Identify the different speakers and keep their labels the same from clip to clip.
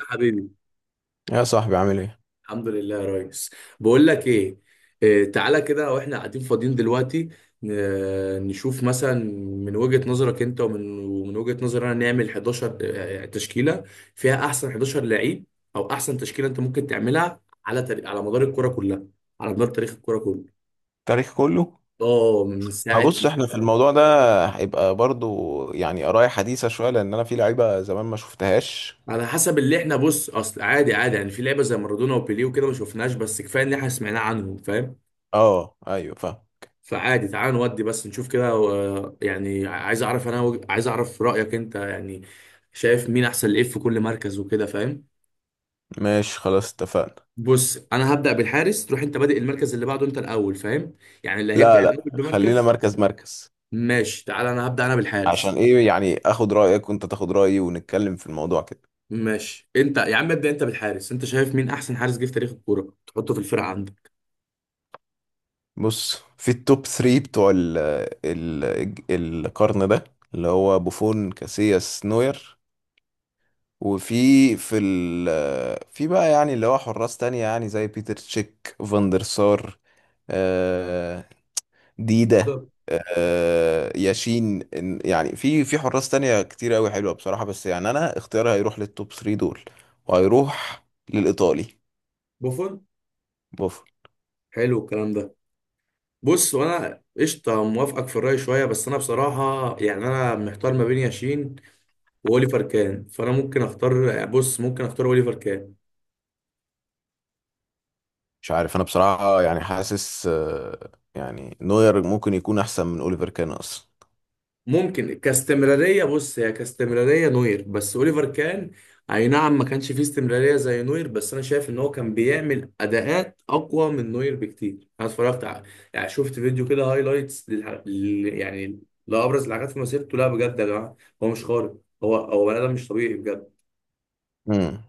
Speaker 1: يا حبيبي.
Speaker 2: يا صاحبي، عامل ايه؟
Speaker 1: الحمد لله يا ريس. بقول لك ايه؟ تعالى كده واحنا قاعدين فاضيين دلوقتي، نشوف مثلا من وجهة نظرك انت ومن وجهة نظري انا، نعمل 11 تشكيلة فيها احسن 11 لعيب، او احسن تشكيلة انت ممكن تعملها على تاريخ، على مدار الكرة كلها، على مدار تاريخ الكرة كله.
Speaker 2: التاريخ كله.
Speaker 1: اه، من
Speaker 2: ما
Speaker 1: ساعة ما
Speaker 2: بص، احنا
Speaker 1: الكرة
Speaker 2: في
Speaker 1: بدأت.
Speaker 2: الموضوع ده هيبقى برضو يعني قراية حديثة شوية، لأن أنا في لعيبة زمان ما شفتهاش.
Speaker 1: على حسب اللي احنا، بص اصل عادي عادي يعني في لعبة زي مارادونا وبيليه وكده ما شفناش، بس كفاية ان احنا سمعناه عنهم، فاهم؟
Speaker 2: اه، أيوه، فاهم.
Speaker 1: فعادي، تعال نودي بس نشوف كده يعني عايز اعرف انا عايز اعرف رأيك انت يعني، شايف مين احسن لإيه في كل مركز وكده، فاهم؟
Speaker 2: ماشي، خلاص، اتفقنا.
Speaker 1: بص انا هبدأ بالحارس، تروح انت بادئ المركز اللي بعده، انت الاول، فاهم؟ يعني اللي هيبدأ
Speaker 2: لا لا،
Speaker 1: الاول
Speaker 2: خلينا
Speaker 1: بمركز.
Speaker 2: مركز مركز.
Speaker 1: ماشي، تعال انا هبدأ انا بالحارس.
Speaker 2: عشان ايه؟ يعني اخد رأيك وانت تاخد رأيي ونتكلم في الموضوع كده.
Speaker 1: ماشي انت يا عم، ابدأ انت بالحارس، انت شايف مين احسن حارس جه في تاريخ الكورة تحطه في الفرقة عندك؟
Speaker 2: بص، في التوب 3 بتوع ال القرن ده، اللي هو بوفون، كاسياس، نوير. وفي في ال في بقى، يعني اللي هو حراس تانية، يعني زي بيتر تشيك، فاندر سار، آه، ديدا،
Speaker 1: بالظبط.
Speaker 2: ياشين. يعني في حراس تانية كتير قوي حلوة بصراحة، بس يعني انا اختياري هيروح للتوب 3 دول، وهيروح للإيطالي
Speaker 1: بوفون.
Speaker 2: بوفون.
Speaker 1: حلو الكلام ده. بص، وانا قشطه موافقك في الرأي شويه، بس انا بصراحه يعني انا محتار ما بين ياشين واوليفر كان، فانا ممكن اختار، بص ممكن اختار اوليفر كان.
Speaker 2: مش عارف انا بصراحة، يعني حاسس، يعني نوير ممكن يكون احسن من اوليفر كان اصلا.
Speaker 1: ممكن كاستمراريه، بص هي كاستمراريه نوير، بس اوليفر كان اي نعم ما كانش فيه استمراريه زي نوير، بس انا شايف ان هو كان بيعمل اداءات اقوى من نوير بكتير. انا اتفرجت على، يعني شفت فيديو كده هايلايتس يعني لابرز الحاجات في مسيرته. لا بجد يا جماعه، هو مش خارق، هو بني ادم مش طبيعي بجد.
Speaker 2: امم.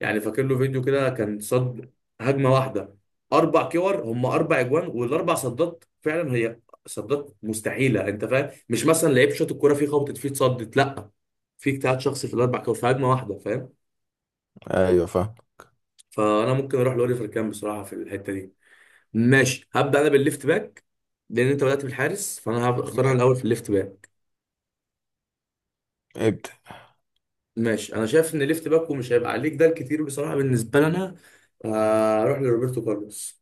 Speaker 1: يعني فاكر له فيديو كده كان صد هجمه واحده، اربع كور هم اربع اجوان، والاربع صدات فعلا هي صدات مستحيله. انت فاهم؟ مش مثلا لعيب شاط الكوره فيه خبطت فيه اتصدت، لا، في اجتهاد شخصي في الاربع كور في هجمه واحده، فاهم؟
Speaker 2: ايوه، فاهم.
Speaker 1: فانا ممكن اروح لاوليفر كام بصراحه في الحته دي. ماشي، هبدا انا بالليفت باك لان انت بدات بالحارس، فانا هختار انا الاول في الليفت باك.
Speaker 2: ابدأ.
Speaker 1: ماشي، انا شايف ان الليفت باك ومش هيبقى عليك ده الكتير بصراحه بالنسبه لنا، اروح لروبرتو كارلوس.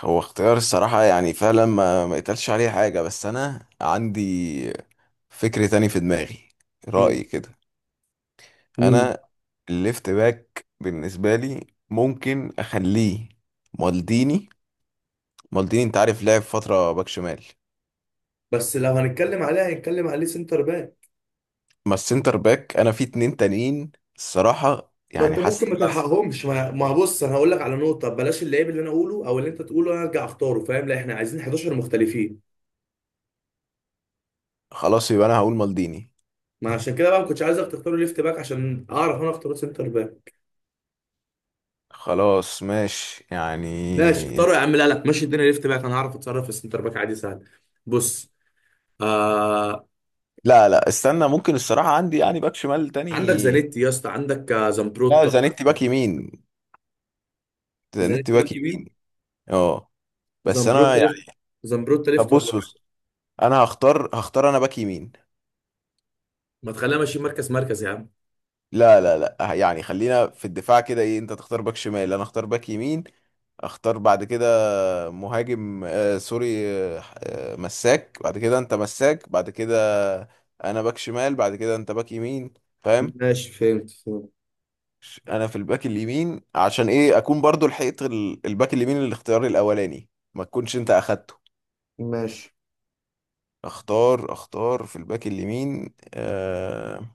Speaker 2: هو اختيار الصراحة، يعني فعلا ما يتقالش عليه حاجة، بس أنا عندي فكر تاني في دماغي.
Speaker 1: مم.
Speaker 2: رأيي كده.
Speaker 1: مين؟
Speaker 2: أنا الليفت باك بالنسبة لي ممكن أخليه مالديني. مالديني أنت عارف لعب فترة باك شمال.
Speaker 1: بس لو هنتكلم عليه هنتكلم عليه سنتر باك.
Speaker 2: ما السنتر باك أنا في اتنين تانيين الصراحة،
Speaker 1: ما
Speaker 2: يعني
Speaker 1: انت
Speaker 2: حاسس
Speaker 1: ممكن
Speaker 2: إن
Speaker 1: ما
Speaker 2: أنا...
Speaker 1: تلحقهمش، ما بص انا هقول لك على نقطه، بلاش اللعيب اللي انا اقوله او اللي انت تقوله انا ارجع اختاره، فاهم؟ لا، احنا عايزين 11 مختلفين.
Speaker 2: خلاص، يبقى أنا هقول مالديني.
Speaker 1: ما عشان كده بقى ما كنتش عايزك تختار ليفت باك عشان اعرف انا اختار سنتر باك.
Speaker 2: خلاص، ماشي
Speaker 1: ماشي
Speaker 2: يعني.
Speaker 1: اختاره يا عم. لا لا، ماشي الدنيا ليفت باك، انا هعرف اتصرف في السنتر باك عادي، سهل. بص. آه
Speaker 2: لا لا، استنى، ممكن الصراحة عندي يعني باك شمال
Speaker 1: عندك
Speaker 2: تاني.
Speaker 1: زانيتي يا اسطى، عندك
Speaker 2: لا،
Speaker 1: زامبروتا.
Speaker 2: زانيتي باك يمين، نت
Speaker 1: زانيتي
Speaker 2: باك
Speaker 1: باك يمين.
Speaker 2: يمين. اه. بس انا
Speaker 1: زامبروتا
Speaker 2: يعني...
Speaker 1: ليفت. زامبروتا
Speaker 2: طب
Speaker 1: ليفت ولا
Speaker 2: بص
Speaker 1: رايت؟
Speaker 2: بص، انا هختار انا باك يمين.
Speaker 1: ما تخليها ماشي مركز مركز يا عم.
Speaker 2: لا لا لا، يعني خلينا في الدفاع كده، ايه، انت تختار باك شمال، انا اختار باك يمين. اختار بعد كده مهاجم. سوري. مساك بعد كده، انت مساك بعد كده. انا باك شمال بعد كده، انت باك يمين. فاهم؟
Speaker 1: ماشي، فهمت فهمت.
Speaker 2: انا في الباك اليمين عشان ايه؟ اكون برضو لحقت الباك اليمين، الاختيار الاولاني، ما تكونش انت اخدته.
Speaker 1: ماشي،
Speaker 2: اختار في الباك اليمين.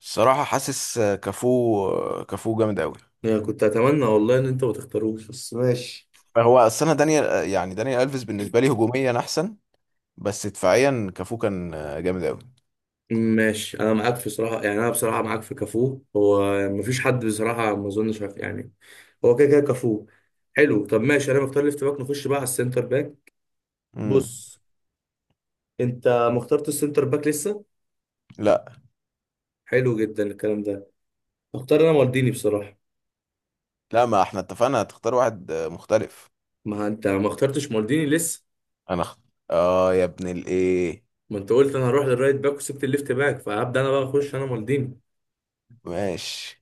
Speaker 2: الصراحة حاسس كافو كافو جامد قوي.
Speaker 1: يعني كنت اتمنى والله ان انت ما تختاروش، بس ماشي.
Speaker 2: هو اصل انا دانيال، يعني دانيال الفيس بالنسبة لي هجوميا احسن، بس دفاعيا كافو كان جامد قوي.
Speaker 1: ماشي انا معاك في صراحه، يعني انا بصراحه معاك في كافو. هو مفيش حد بصراحه، ما اظنش، يعني هو كده كده كافو. حلو. طب ماشي، انا مختار ليفت باك، نخش بقى على السنتر باك.
Speaker 2: امم.
Speaker 1: بص، انت ما اخترتش السنتر باك لسه.
Speaker 2: لا
Speaker 1: حلو جدا الكلام ده. اختار انا مالديني بصراحه.
Speaker 2: لا، ما احنا اتفقنا هتختار واحد مختلف.
Speaker 1: ما انت ما اخترتش مالديني لسه.
Speaker 2: انا اخت... اه يا ابن الايه.
Speaker 1: ما انت قلت انا هروح للرايت باك وسبت الليفت باك، فهبدا انا بقى اخش انا مالديني.
Speaker 2: ماشي.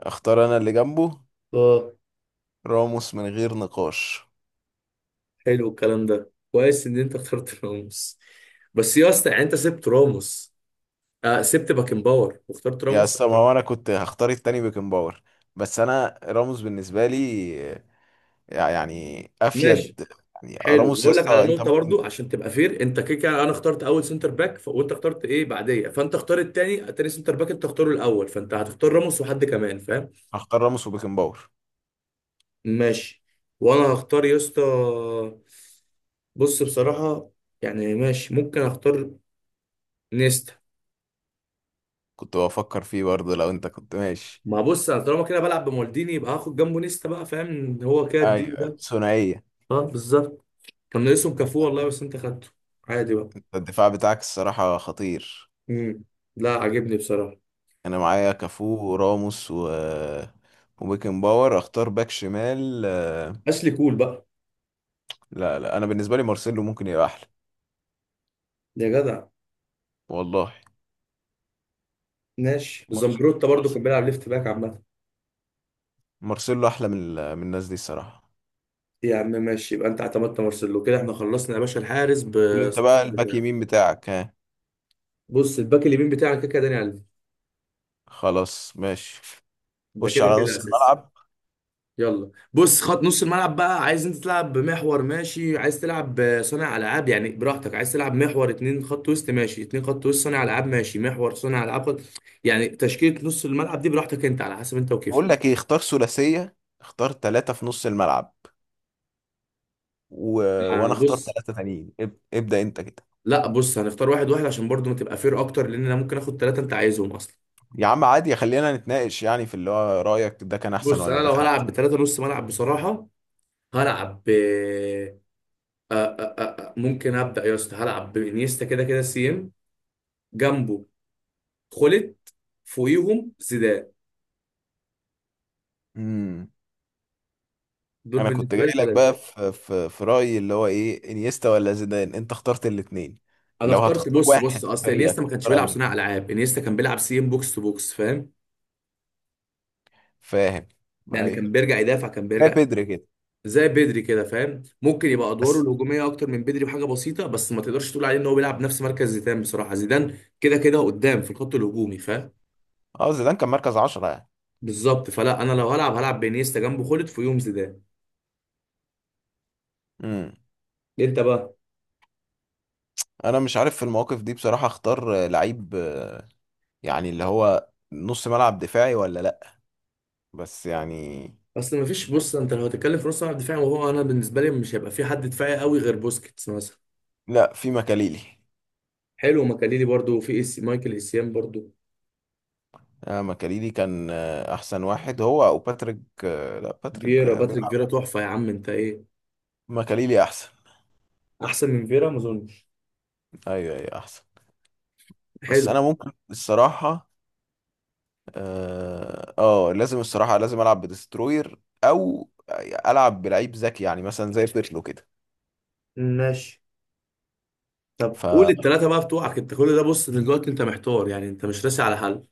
Speaker 2: اختار انا اللي جنبه،
Speaker 1: اه.
Speaker 2: راموس، من غير نقاش.
Speaker 1: حلو الكلام ده، كويس ان انت اخترت راموس. بس يا اسطى يعني انت سبت راموس. سبت باكن باور واخترت
Speaker 2: يا
Speaker 1: راموس.
Speaker 2: اسطى، ما هو انا كنت هختار التاني بيكن باور، بس انا راموس بالنسبة لي يعني
Speaker 1: ماشي.
Speaker 2: افيد. يعني
Speaker 1: حلو،
Speaker 2: راموس يا
Speaker 1: بقول لك على
Speaker 2: اسطى انت
Speaker 1: نقطه برضو
Speaker 2: ممكن...
Speaker 1: عشان تبقى فير، انت كده كده انا اخترت اول سنتر باك وانت اخترت ايه بعديه، فانت اختار التاني، التاني سنتر باك انت اختاره الاول، فانت هتختار راموس وحد كمان، فاهم؟
Speaker 2: هختار راموس وبيكن باور.
Speaker 1: ماشي. وانا هختار يا اسطى. بص بصراحه، يعني ماشي ممكن اختار نيستا.
Speaker 2: كنت بفكر فيه برضه، لو انت كنت ماشي.
Speaker 1: ما بص انا طالما كده بلعب بمالديني يبقى هاخد جنبه نيستا بقى، فاهم؟ هو كده
Speaker 2: ايوه،
Speaker 1: الديو
Speaker 2: أيوة.
Speaker 1: ده.
Speaker 2: ثنائيه.
Speaker 1: اه بالظبط. كان ناقصهم كافو والله، بس انت خدته. عادي بقى.
Speaker 2: انت الدفاع بتاعك الصراحه خطير.
Speaker 1: امم. لا، عجبني بصراحه.
Speaker 2: انا معايا كافو وراموس وبيكن باور. اختار باك شمال.
Speaker 1: اشلي كول بقى.
Speaker 2: لا لا، انا بالنسبه لي مارسيلو ممكن يبقى احلى.
Speaker 1: يا جدع.
Speaker 2: والله،
Speaker 1: ماشي،
Speaker 2: مارسيلو
Speaker 1: زمبروتا برضو
Speaker 2: مارسيلو،
Speaker 1: كان بيلعب ليفت باك عامه.
Speaker 2: مارسيلو احلى من من الناس دي الصراحه.
Speaker 1: يا عم ماشي، يبقى انت اعتمدت مارسيلو كده، احنا خلصنا يا باشا الحارس
Speaker 2: قول انت بقى
Speaker 1: بصف
Speaker 2: الباك
Speaker 1: الدفاع.
Speaker 2: يمين بتاعك، ها.
Speaker 1: بص الباك اليمين بتاعك كده كده داني علم.
Speaker 2: خلاص، ماشي.
Speaker 1: ده
Speaker 2: خش
Speaker 1: كده
Speaker 2: على
Speaker 1: كده
Speaker 2: نص
Speaker 1: اساسي.
Speaker 2: الملعب.
Speaker 1: يلا بص، خط نص الملعب بقى، عايز انت تلعب بمحور؟ ماشي. عايز تلعب صانع العاب؟ يعني براحتك. عايز تلعب محور اتنين خط وسط؟ ماشي اتنين خط وسط. صانع العاب؟ ماشي محور صانع العاب يعني تشكيلة نص الملعب دي براحتك انت، على حسب انت
Speaker 2: بقول
Speaker 1: وكيفك.
Speaker 2: لك ايه، اختار ثلاثيه، اختار ثلاثه في نص الملعب، و... وانا اختار
Speaker 1: بص.
Speaker 2: ثلاثة تانيين. ابدأ انت كده.
Speaker 1: لا بص، هنختار واحد واحد عشان برضو ما تبقى فير اكتر، لان انا ممكن اخد ثلاثة انت عايزهم اصلا.
Speaker 2: يا عم عادي، خلينا نتناقش يعني في اللي هو رأيك، ده كان احسن
Speaker 1: بص
Speaker 2: ولا
Speaker 1: انا
Speaker 2: ده
Speaker 1: لو
Speaker 2: كان
Speaker 1: هلعب
Speaker 2: احسن.
Speaker 1: بثلاثة نص ملعب بصراحة، هلعب ب، ممكن ابدا يا اسطى هلعب بانيستا كده كده سي ام، جنبه خلت، فوقيهم زيدان.
Speaker 2: امم.
Speaker 1: دول
Speaker 2: انا كنت
Speaker 1: بالنسبه
Speaker 2: جاي
Speaker 1: لي
Speaker 2: لك
Speaker 1: ثلاثه.
Speaker 2: بقى، في رأيي، اللي هو ايه، انيستا ولا زيدان؟ انت اخترت الاتنين.
Speaker 1: انا
Speaker 2: لو
Speaker 1: اخترت،
Speaker 2: هتختار
Speaker 1: بص
Speaker 2: واحد في
Speaker 1: اصل
Speaker 2: فريقك
Speaker 1: انيستا ما كانش
Speaker 2: تختار
Speaker 1: بيلعب
Speaker 2: انهي؟
Speaker 1: صناع العاب، انيستا كان بيلعب سيم بوكس تو بوكس، فاهم؟
Speaker 2: فاهم؟
Speaker 1: يعني كان
Speaker 2: ايوه،
Speaker 1: بيرجع يدافع، كان
Speaker 2: زي
Speaker 1: بيرجع
Speaker 2: بيدري كده.
Speaker 1: زي بدري كده، فاهم؟ ممكن يبقى ادواره
Speaker 2: بس
Speaker 1: الهجوميه اكتر من بدري بحاجه بسيطه، بس ما تقدرش تقول عليه ان هو بيلعب نفس مركز زيدان. بصراحه زيدان كده كده قدام في الخط الهجومي، فاهم؟
Speaker 2: اه زيدان كان مركز 10 يعني.
Speaker 1: بالظبط. فلا انا لو هلعب، هلعب بانيستا جنبه خلد، في يوم زيدان.
Speaker 2: امم.
Speaker 1: انت بقى.
Speaker 2: انا مش عارف في المواقف دي بصراحة، اختار لعيب يعني اللي هو نص ملعب دفاعي ولا لا. بس يعني...
Speaker 1: اصل ما فيش، بص انت لو هتتكلم في نص ملعب دفاعي، وهو انا بالنسبه لي مش هيبقى في حد دفاعي قوي غير بوسكيتس مثلا.
Speaker 2: لا، في مكاليلي.
Speaker 1: حلو، مكاليلي برضو، في مايكل اسيام برضو.
Speaker 2: ماكاليلي كان احسن واحد، هو او باتريك. لا، باتريك
Speaker 1: فيرا. باتريك فيرا
Speaker 2: بيلعب.
Speaker 1: تحفة يا عم، انت ايه؟
Speaker 2: ماكاليلي احسن.
Speaker 1: احسن من فيرا ما اظنش.
Speaker 2: ايوه، ايوه، احسن. بس
Speaker 1: حلو.
Speaker 2: انا ممكن الصراحه لازم الصراحه، لازم العب بدستروير او العب بلعيب ذكي، يعني مثلا زي بيرلو كده.
Speaker 1: ماشي. طب
Speaker 2: ف
Speaker 1: قول التلاتة بقى بتوعك انت كل ده، بص ان دلوقتي انت محتار، يعني انت مش راسي على حل.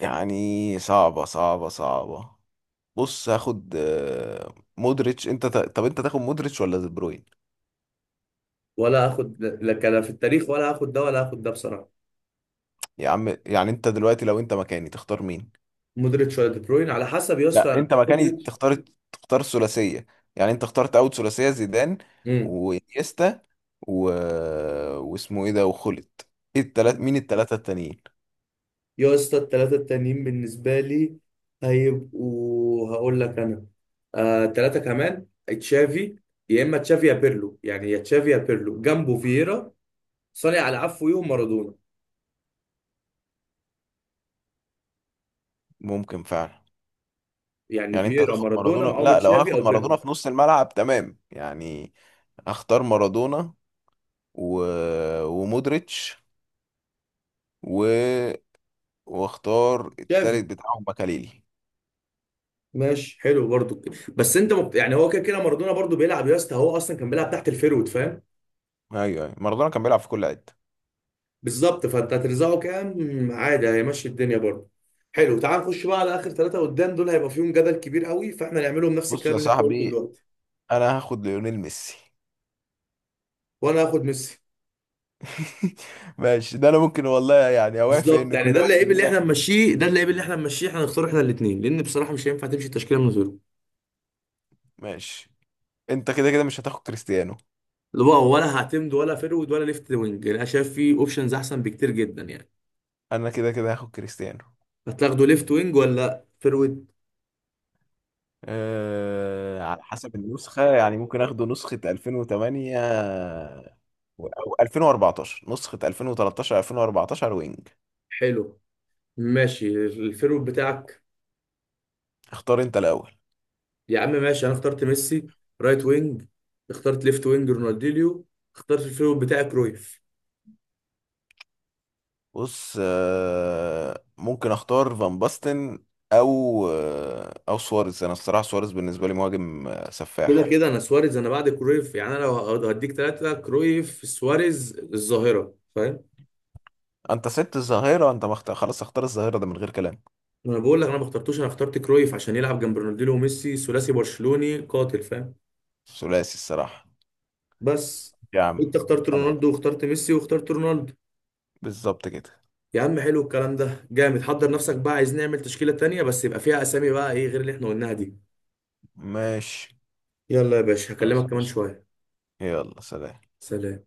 Speaker 2: يعني صعبه صعبه صعبه. بص، هاخد مودريتش. انت طب انت تاخد مودريتش ولا دي بروين؟
Speaker 1: ولا اخد، لا كلا في التاريخ ولا اخد ده ولا اخد ده بصراحة.
Speaker 2: يا عم، يعني انت دلوقتي لو انت مكاني تختار مين؟
Speaker 1: مودريتش ولا دي بروين؟ على حسب يا
Speaker 2: لا،
Speaker 1: اسطى،
Speaker 2: انت مكاني
Speaker 1: مودريتش.
Speaker 2: تختار. تختار الثلاثيه؟ يعني انت اخترت اول ثلاثيه، زيدان
Speaker 1: امم.
Speaker 2: وانيستا و... واسمه ايه ده، وخلت. ايه التلات، مين التلاته التانيين؟
Speaker 1: يا اسطى الثلاثة التانيين بالنسبة لي هيبقوا، هقول لك انا، تلاتة كمان تشافي، يا اما تشافي يا بيرلو، يعني يا تشافي يا بيرلو جنبه فييرا. صانع العفو يوم مارادونا.
Speaker 2: ممكن فعلا.
Speaker 1: يعني
Speaker 2: يعني انت
Speaker 1: فييرا
Speaker 2: هتاخد
Speaker 1: مارادونا
Speaker 2: مارادونا؟
Speaker 1: معاهم
Speaker 2: لا لو
Speaker 1: تشافي
Speaker 2: هاخد
Speaker 1: او
Speaker 2: مارادونا
Speaker 1: بيرلو.
Speaker 2: في نص الملعب تمام يعني. هختار مارادونا و... ومودريتش و... واختار
Speaker 1: تشافي.
Speaker 2: التالت بتاعهم مكاليلي.
Speaker 1: ماشي حلو برضو كده، بس انت يعني هو كده كده مارادونا برضو بيلعب يا اسطى، هو اصلا كان بيلعب تحت الفيرود، فاهم؟
Speaker 2: ايوه، ايوه، مارادونا كان بيلعب في كل حته.
Speaker 1: بالظبط. فانت هترزعه كام عادي هيمشي الدنيا برضو. حلو، تعال نخش بقى على اخر ثلاثه قدام، دول هيبقى فيهم جدل كبير قوي، فاحنا نعملهم نفس
Speaker 2: بص يا
Speaker 1: الكلام اللي انت قلته
Speaker 2: صاحبي،
Speaker 1: دلوقتي.
Speaker 2: انا هاخد ليونيل ميسي.
Speaker 1: وانا هاخد ميسي.
Speaker 2: ماشي، ده انا ممكن والله يعني اوافق،
Speaker 1: بالظبط،
Speaker 2: ان
Speaker 1: يعني
Speaker 2: كل
Speaker 1: ده
Speaker 2: واحد
Speaker 1: اللعيب اللي
Speaker 2: مننا
Speaker 1: احنا
Speaker 2: ياخد.
Speaker 1: نمشيه، ده اللعيب اللي احنا نمشيه، احنا نختار احنا الاثنين لان بصراحه مش هينفع تمشي التشكيله من غيره.
Speaker 2: ماشي، انت كده كده مش هتاخد كريستيانو،
Speaker 1: اللي هو ولا هعتمد ولا فيرود ولا ليفت وينج، انا شايف فيه اوبشنز احسن بكتير جدا يعني.
Speaker 2: انا كده كده هاخد كريستيانو.
Speaker 1: هتاخده ليفت وينج ولا فيرويد؟
Speaker 2: على حسب النسخة، يعني ممكن اخده نسخة 2008 او 2014، نسخة 2013، 2014 وينج.
Speaker 1: حلو. ماشي الفيرويد بتاعك.
Speaker 2: اختار انت الاول.
Speaker 1: يا عم ماشي، انا اخترت ميسي رايت وينج، اخترت ليفت وينج رونالدينيو، اخترت الفيرويد بتاعي كرويف.
Speaker 2: بص، ممكن اختار فان باستن او سواريز. انا الصراحة سواريز بالنسبة لي مهاجم،
Speaker 1: كده
Speaker 2: سفاح.
Speaker 1: كده انا سواريز انا بعد كرويف، يعني انا لو هديك ثلاثة كرويف سواريز الظاهرة، فاهم؟
Speaker 2: انت سبت الظاهرة، انت خلاص اختار الظاهرة ده من غير كلام.
Speaker 1: ما انا بقول لك انا ما اخترتوش، انا اخترت كرويف عشان يلعب جنب رونالدينيو وميسي، ثلاثي برشلوني قاتل، فاهم؟
Speaker 2: ثلاثي الصراحة.
Speaker 1: بس
Speaker 2: يا عم،
Speaker 1: انت اخترت
Speaker 2: خلاص،
Speaker 1: رونالدو واخترت ميسي واخترت رونالدو.
Speaker 2: بالظبط كده.
Speaker 1: يا عم حلو الكلام ده جامد. حضر نفسك بقى، عايز نعمل تشكيلة تانية بس يبقى فيها اسامي بقى ايه غير اللي احنا قلناها دي.
Speaker 2: ماشي،
Speaker 1: يلا يا باشا،
Speaker 2: خلاص،
Speaker 1: هكلمك كمان
Speaker 2: ماشي.
Speaker 1: شوية.
Speaker 2: يلا سلام.
Speaker 1: سلام.